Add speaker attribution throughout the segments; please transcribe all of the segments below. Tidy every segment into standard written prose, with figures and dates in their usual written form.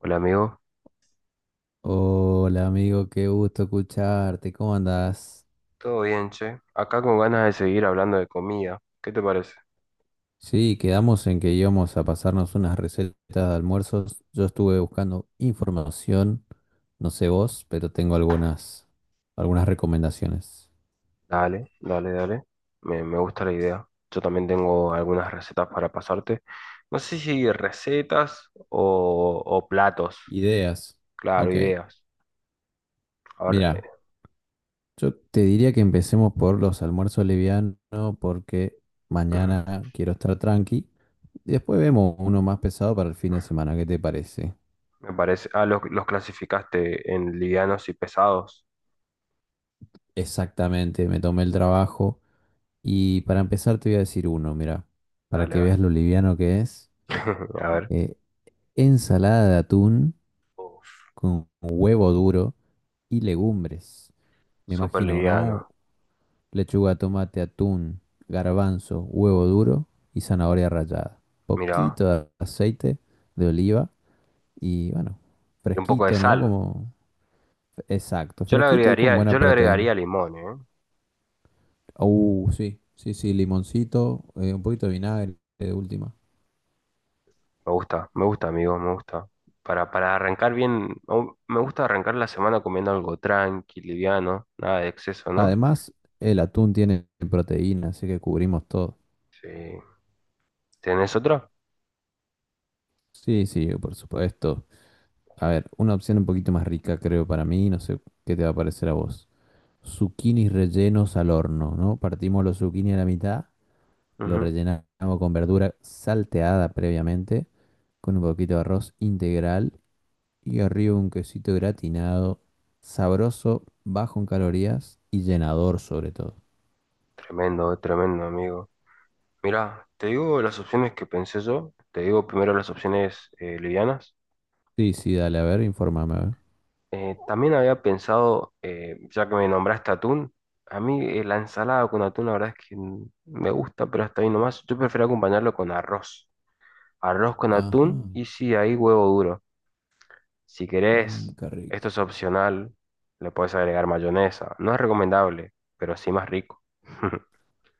Speaker 1: Hola amigo,
Speaker 2: Hola amigo, qué gusto escucharte, ¿cómo andás?
Speaker 1: ¿todo bien, che? Acá con ganas de seguir hablando de comida. ¿Qué te parece?
Speaker 2: Sí, quedamos en que íbamos a pasarnos unas recetas de almuerzos. Yo estuve buscando información, no sé vos, pero tengo algunas recomendaciones.
Speaker 1: Dale, dale, dale. Me gusta la idea. Yo también tengo algunas recetas para pasarte. No sé si recetas o platos.
Speaker 2: Ideas.
Speaker 1: Claro,
Speaker 2: Ok,
Speaker 1: ideas. A ver,
Speaker 2: mira, yo te diría que empecemos por los almuerzos livianos porque
Speaker 1: ujú.
Speaker 2: mañana quiero estar tranqui. Y después vemos uno más pesado para el fin de semana, ¿qué te parece?
Speaker 1: Me parece. Ah, los clasificaste en livianos y pesados.
Speaker 2: Exactamente, me tomé el trabajo. Y para empezar te voy a decir uno, mira, para
Speaker 1: Dale, a
Speaker 2: que
Speaker 1: ver.
Speaker 2: veas lo liviano que es.
Speaker 1: A ver.
Speaker 2: eh, Ensalada de atún
Speaker 1: Uf,
Speaker 2: con huevo duro y legumbres. Me
Speaker 1: súper
Speaker 2: imagino, ¿no?
Speaker 1: liviano.
Speaker 2: Lechuga, tomate, atún, garbanzo, huevo duro y zanahoria rallada.
Speaker 1: Mira,
Speaker 2: Poquito de aceite de oliva y bueno,
Speaker 1: y un poco de
Speaker 2: fresquito, ¿no?
Speaker 1: sal.
Speaker 2: Como, exacto,
Speaker 1: Yo le
Speaker 2: fresquito y con
Speaker 1: agregaría,
Speaker 2: buena
Speaker 1: yo le
Speaker 2: proteína.
Speaker 1: agregaría limón, ¿eh?
Speaker 2: Sí, sí, sí, limoncito, un poquito de vinagre de última.
Speaker 1: Me gusta, amigo, me gusta. Para arrancar bien, me gusta arrancar la semana comiendo algo tranqui, liviano, nada de exceso, ¿no?
Speaker 2: Además, el atún tiene proteína, así que cubrimos todo.
Speaker 1: Sí. ¿Tenés otra?
Speaker 2: Sí, sí, por supuesto. A ver, una opción un poquito más rica, creo, para mí. No sé qué te va a parecer a vos. Zucchinis rellenos al horno, ¿no? Partimos los zucchini a la mitad, lo
Speaker 1: Ujú.
Speaker 2: rellenamos con verdura salteada previamente, con un poquito de arroz integral y arriba un quesito gratinado, sabroso, bajo en calorías y llenador sobre todo.
Speaker 1: Tremendo, tremendo, amigo. Mirá, te digo las opciones que pensé yo. Te digo primero las opciones livianas.
Speaker 2: Sí, sí, dale, a ver, infórmame. A ver.
Speaker 1: También había pensado, ya que me nombraste atún, a mí la ensalada con atún, la verdad es que me gusta, pero hasta ahí nomás. Yo prefiero acompañarlo con arroz. Arroz con
Speaker 2: Ajá,
Speaker 1: atún y sí, ahí huevo duro. Si
Speaker 2: mm,
Speaker 1: querés,
Speaker 2: qué rico.
Speaker 1: esto es opcional, le puedes agregar mayonesa. No es recomendable, pero sí más rico.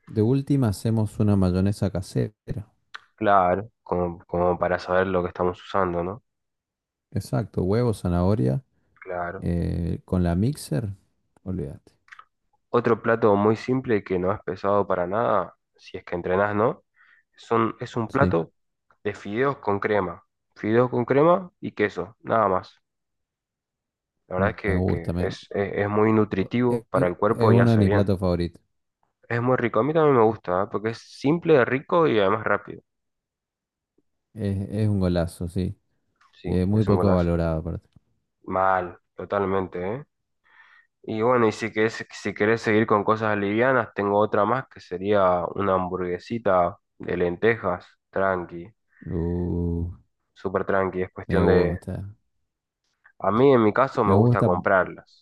Speaker 2: De última hacemos una mayonesa casera.
Speaker 1: Claro, como para saber lo que estamos usando, ¿no?
Speaker 2: Exacto, huevo, zanahoria,
Speaker 1: Claro.
Speaker 2: con la mixer, olvídate.
Speaker 1: Otro plato muy simple que no es pesado para nada, si es que entrenás, ¿no? Es un
Speaker 2: Sí,
Speaker 1: plato de fideos con crema. Fideos con crema y queso, nada más. La verdad es
Speaker 2: me
Speaker 1: que, que
Speaker 2: gusta,
Speaker 1: es, es- es muy
Speaker 2: es,
Speaker 1: nutritivo para el
Speaker 2: es-
Speaker 1: cuerpo y
Speaker 2: uno de
Speaker 1: hace
Speaker 2: mis
Speaker 1: bien.
Speaker 2: platos favoritos.
Speaker 1: Es muy rico. A mí también me gusta, ¿eh? Porque es simple, rico y además rápido.
Speaker 2: Es un golazo, sí.
Speaker 1: Sí,
Speaker 2: Muy
Speaker 1: es un
Speaker 2: poco
Speaker 1: golazo.
Speaker 2: valorado aparte.
Speaker 1: Mal, totalmente, ¿eh? Y bueno, si querés seguir con cosas livianas, tengo otra más que sería una hamburguesita de lentejas, tranqui,
Speaker 2: Uh,
Speaker 1: súper tranqui. Es
Speaker 2: me
Speaker 1: cuestión de...
Speaker 2: gusta,
Speaker 1: A mí, en mi caso,
Speaker 2: me
Speaker 1: me gusta
Speaker 2: gusta,
Speaker 1: comprarlas.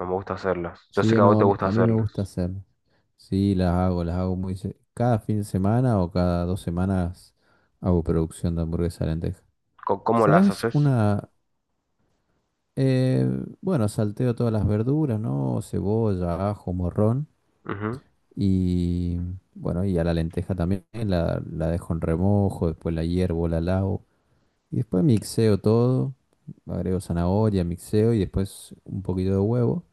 Speaker 1: No me gusta hacerlas. Yo sé que
Speaker 2: sí,
Speaker 1: a vos
Speaker 2: no,
Speaker 1: te
Speaker 2: a mí,
Speaker 1: gusta
Speaker 2: a mí me gusta
Speaker 1: hacerlas.
Speaker 2: hacer. Sí, las hago muy... Cada fin de semana o cada dos semanas hago producción de hamburguesa de lenteja.
Speaker 1: ¿Cómo las
Speaker 2: ¿Sabes
Speaker 1: haces?
Speaker 2: una? Eh, bueno, salteo todas las verduras, ¿no? Cebolla, ajo, morrón
Speaker 1: Ujú.
Speaker 2: y bueno, y a la lenteja también la dejo en remojo, después la hiervo, la lavo y después mixeo todo, agrego zanahoria, mixeo y después un poquito de huevo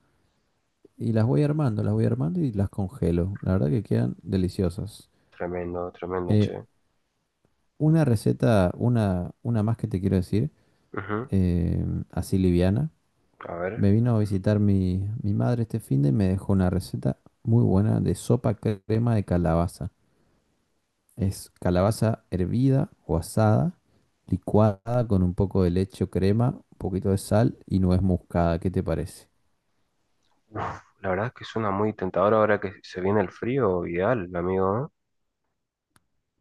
Speaker 2: y las voy armando y las congelo. La verdad que quedan deliciosas.
Speaker 1: Tremendo, tremendo,
Speaker 2: Eh,
Speaker 1: che.
Speaker 2: una receta, una más que te quiero decir,
Speaker 1: Ujú.
Speaker 2: eh, así liviana.
Speaker 1: A ver.
Speaker 2: Me vino a visitar mi madre este fin de y me dejó una receta muy buena de sopa crema de calabaza. Es calabaza hervida o asada, licuada con un poco de leche o crema, un poquito de sal y nuez moscada. ¿Qué te parece?
Speaker 1: Uf, la verdad es que suena muy tentador ahora que se viene el frío, ideal, amigo,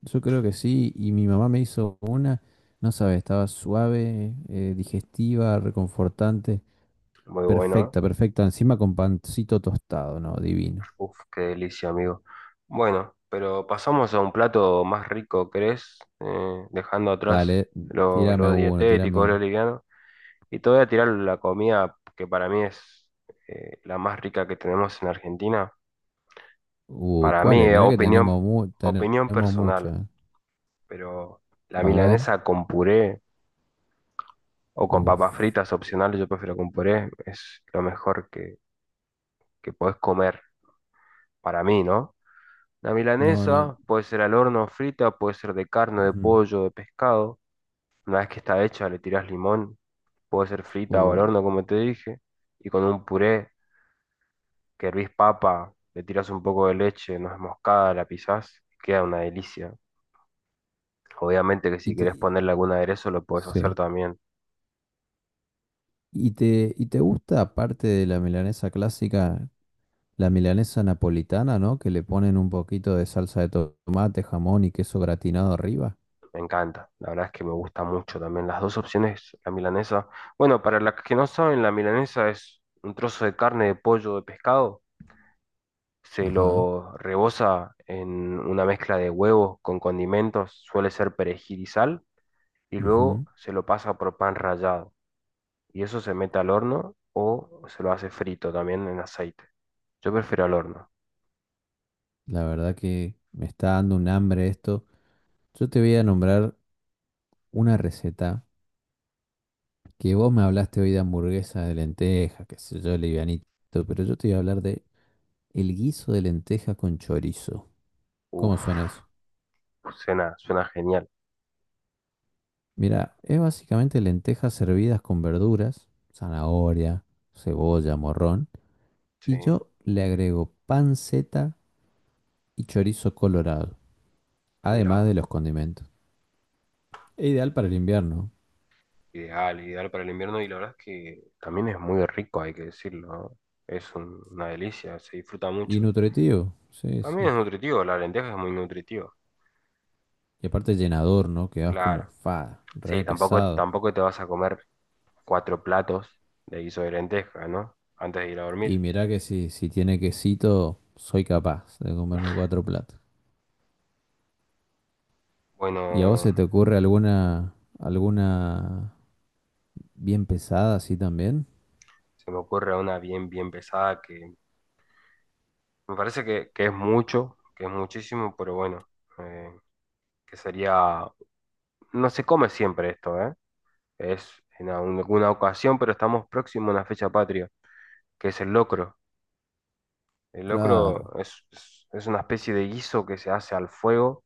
Speaker 2: Yo creo que sí, y mi mamá me hizo una, no sabes, estaba suave, digestiva, reconfortante.
Speaker 1: ¿eh? Muy bueno.
Speaker 2: Perfecta, perfecta. Encima con pancito tostado, ¿no? Divino.
Speaker 1: Uf, qué delicia, amigo. Bueno, pero pasamos a un plato más rico, ¿crees? Dejando atrás
Speaker 2: Dale,
Speaker 1: lo,
Speaker 2: tírame
Speaker 1: lo
Speaker 2: uno, tírame
Speaker 1: dietético, lo
Speaker 2: uno.
Speaker 1: liviano. Y te voy a tirar la comida que para mí es la más rica que tenemos en Argentina.
Speaker 2: Uy,
Speaker 1: Para mí,
Speaker 2: ¿cuáles? Mirá que tenemos, tenemos
Speaker 1: opinión personal,
Speaker 2: muchas.
Speaker 1: pero la
Speaker 2: A ver.
Speaker 1: milanesa con puré o con
Speaker 2: Uf.
Speaker 1: papas fritas opcionales, yo prefiero con puré, es lo mejor que podés comer para mí, ¿no? La
Speaker 2: No, no.
Speaker 1: milanesa puede ser al horno frita, puede ser de carne, de
Speaker 2: Ujú.
Speaker 1: pollo, de pescado. Una vez que está hecha, le tirás limón. Puede ser frita o al
Speaker 2: Uh,
Speaker 1: horno, como te dije. Y con un puré que hervís papa, le tirás un poco de leche, no es moscada, la pisás. Queda una delicia. Obviamente que si
Speaker 2: y te,
Speaker 1: querés
Speaker 2: y-
Speaker 1: ponerle algún aderezo, lo puedes hacer
Speaker 2: sí.
Speaker 1: también.
Speaker 2: Y te gusta, aparte de la milanesa clásica, la milanesa napolitana, ¿no? Que le ponen un poquito de salsa de tomate, jamón y queso gratinado arriba.
Speaker 1: Me encanta. La verdad es que me gusta mucho también. Las dos opciones, la milanesa. Bueno, para las que no saben, la milanesa es un trozo de carne, de pollo, de pescado, se
Speaker 2: Ajá.
Speaker 1: lo reboza en una mezcla de huevos con condimentos, suele ser perejil y sal, y luego
Speaker 2: Ujú.
Speaker 1: se lo pasa por pan rallado. Y eso se mete al horno o se lo hace frito también en aceite. Yo prefiero al horno.
Speaker 2: La verdad que me está dando un hambre esto. Yo te voy a nombrar una receta. Que vos me hablaste hoy de hamburguesa de lenteja, qué sé yo, livianito, pero yo te voy a hablar de el guiso de lenteja con chorizo. ¿Cómo
Speaker 1: Uf,
Speaker 2: suena eso?
Speaker 1: suena, suena genial.
Speaker 2: Mira, es básicamente lentejas servidas con verduras, zanahoria, cebolla, morrón,
Speaker 1: Sí,
Speaker 2: y yo le agrego panceta y chorizo colorado,
Speaker 1: mira
Speaker 2: además de
Speaker 1: vos.
Speaker 2: los condimentos. Es ideal para el invierno
Speaker 1: Ideal, ideal para el invierno y la verdad es que también es muy rico, hay que decirlo, ¿no? Una delicia, se disfruta
Speaker 2: y
Speaker 1: mucho.
Speaker 2: nutritivo, sí,
Speaker 1: También
Speaker 2: sí.
Speaker 1: es nutritivo, la lenteja es muy nutritiva,
Speaker 2: Y aparte llenador, ¿no? Quedas como
Speaker 1: claro.
Speaker 2: fa,
Speaker 1: Sí,
Speaker 2: re
Speaker 1: tampoco,
Speaker 2: pesado.
Speaker 1: tampoco te vas a comer cuatro platos de guiso de lenteja, ¿no? Antes de ir a
Speaker 2: Y
Speaker 1: dormir.
Speaker 2: mirá que si, si tiene quesito, soy capaz de comerme cuatro platos. ¿Y a vos se
Speaker 1: Bueno,
Speaker 2: te ocurre alguna, alguna bien pesada así también?
Speaker 1: se me ocurre una bien, bien pesada que me parece que es mucho, que es muchísimo, pero bueno, eh, que sería, no se come siempre esto, ¿eh? Es en alguna ocasión, pero estamos próximos a una fecha patria, que es el locro. El
Speaker 2: Claro.
Speaker 1: locro es, es- es una especie de guiso que se hace al fuego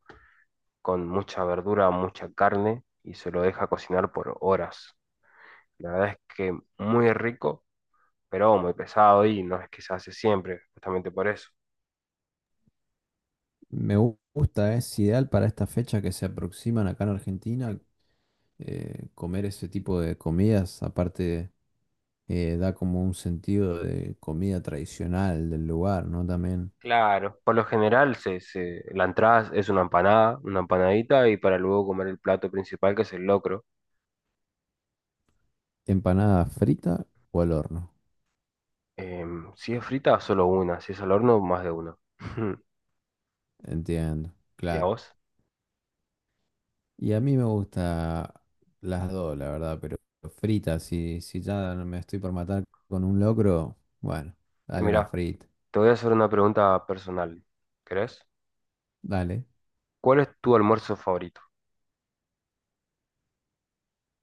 Speaker 1: con mucha verdura, mucha carne y se lo deja cocinar por horas. La verdad es que muy rico pero muy pesado y no es que se hace siempre, justamente por eso.
Speaker 2: Gusta, es ideal para esta fecha que se aproximan acá en Argentina. Comer ese tipo de comidas, aparte, da como un sentido de comida tradicional del lugar, ¿no? También
Speaker 1: Claro, por lo general la entrada es una empanada, una empanadita y para luego comer el plato principal que es el locro.
Speaker 2: empanada frita o al horno.
Speaker 1: Em, si es frita, solo una, si es al horno, más de una.
Speaker 2: Entiendo,
Speaker 1: ¿Y a
Speaker 2: claro.
Speaker 1: vos?
Speaker 2: Y a mí me gusta las dos, la verdad, pero fritas, si, si ya no me estoy por matar con un locro, bueno,
Speaker 1: Y
Speaker 2: dale una
Speaker 1: mira,
Speaker 2: frita,
Speaker 1: te voy a hacer una pregunta personal, ¿querés?
Speaker 2: dale.
Speaker 1: ¿Cuál es tu almuerzo favorito?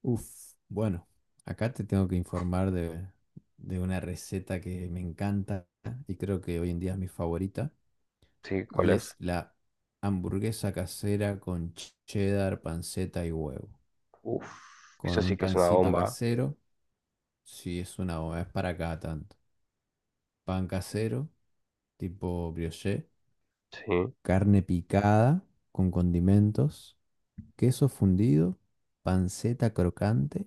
Speaker 2: Uf, bueno, acá te tengo que informar de una receta que me encanta y creo que hoy en día es mi favorita,
Speaker 1: ¿Sí? ¿Cuál
Speaker 2: y
Speaker 1: es?
Speaker 2: es la hamburguesa casera con cheddar, panceta y huevo,
Speaker 1: Uf, eso
Speaker 2: con
Speaker 1: sí
Speaker 2: un
Speaker 1: que es una
Speaker 2: pancito
Speaker 1: bomba, ¿eh?
Speaker 2: casero, si es una, es para cada tanto, pan casero, tipo brioche.
Speaker 1: Sí,
Speaker 2: Carne picada con condimentos, queso fundido, panceta crocante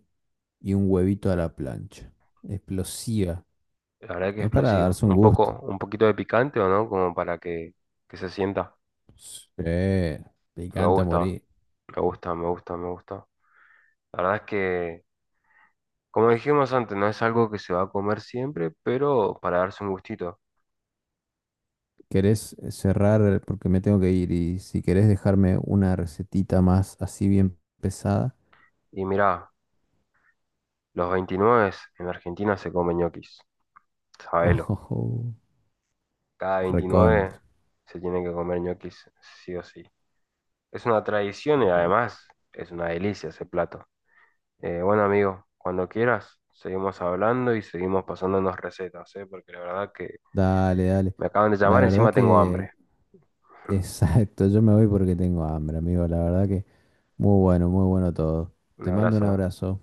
Speaker 2: y un huevito a la plancha. Explosiva.
Speaker 1: la verdad que es
Speaker 2: Es para
Speaker 1: explosivo.
Speaker 2: darse un
Speaker 1: Un
Speaker 2: gusto.
Speaker 1: poco, un poquito de picante o no, como para que se sienta.
Speaker 2: Sí,
Speaker 1: Me
Speaker 2: picante a
Speaker 1: gusta,
Speaker 2: morir.
Speaker 1: me gusta, me gusta, me gusta. La verdad es que, como dijimos antes, no es algo que se va a comer siempre, pero para darse un gustito.
Speaker 2: ¿Querés cerrar porque me tengo que ir? Y si querés dejarme una recetita más así bien pesada,
Speaker 1: Y mirá, los 29 en Argentina se comen ñoquis,
Speaker 2: oh,
Speaker 1: sabelo.
Speaker 2: oh, oh,
Speaker 1: Cada 29
Speaker 2: recontra.
Speaker 1: se tiene que comer ñoquis, sí o sí. Es una tradición y además es una delicia ese plato. Bueno, amigo, cuando quieras, seguimos hablando y seguimos pasándonos recetas, ¿eh? Porque la verdad que
Speaker 2: Dale, dale.
Speaker 1: me acaban de
Speaker 2: La
Speaker 1: llamar,
Speaker 2: verdad
Speaker 1: encima tengo
Speaker 2: que,
Speaker 1: hambre.
Speaker 2: exacto, yo me voy porque tengo hambre, amigo. La verdad que muy bueno, muy bueno todo.
Speaker 1: Un
Speaker 2: Te mando un
Speaker 1: abrazo.
Speaker 2: abrazo.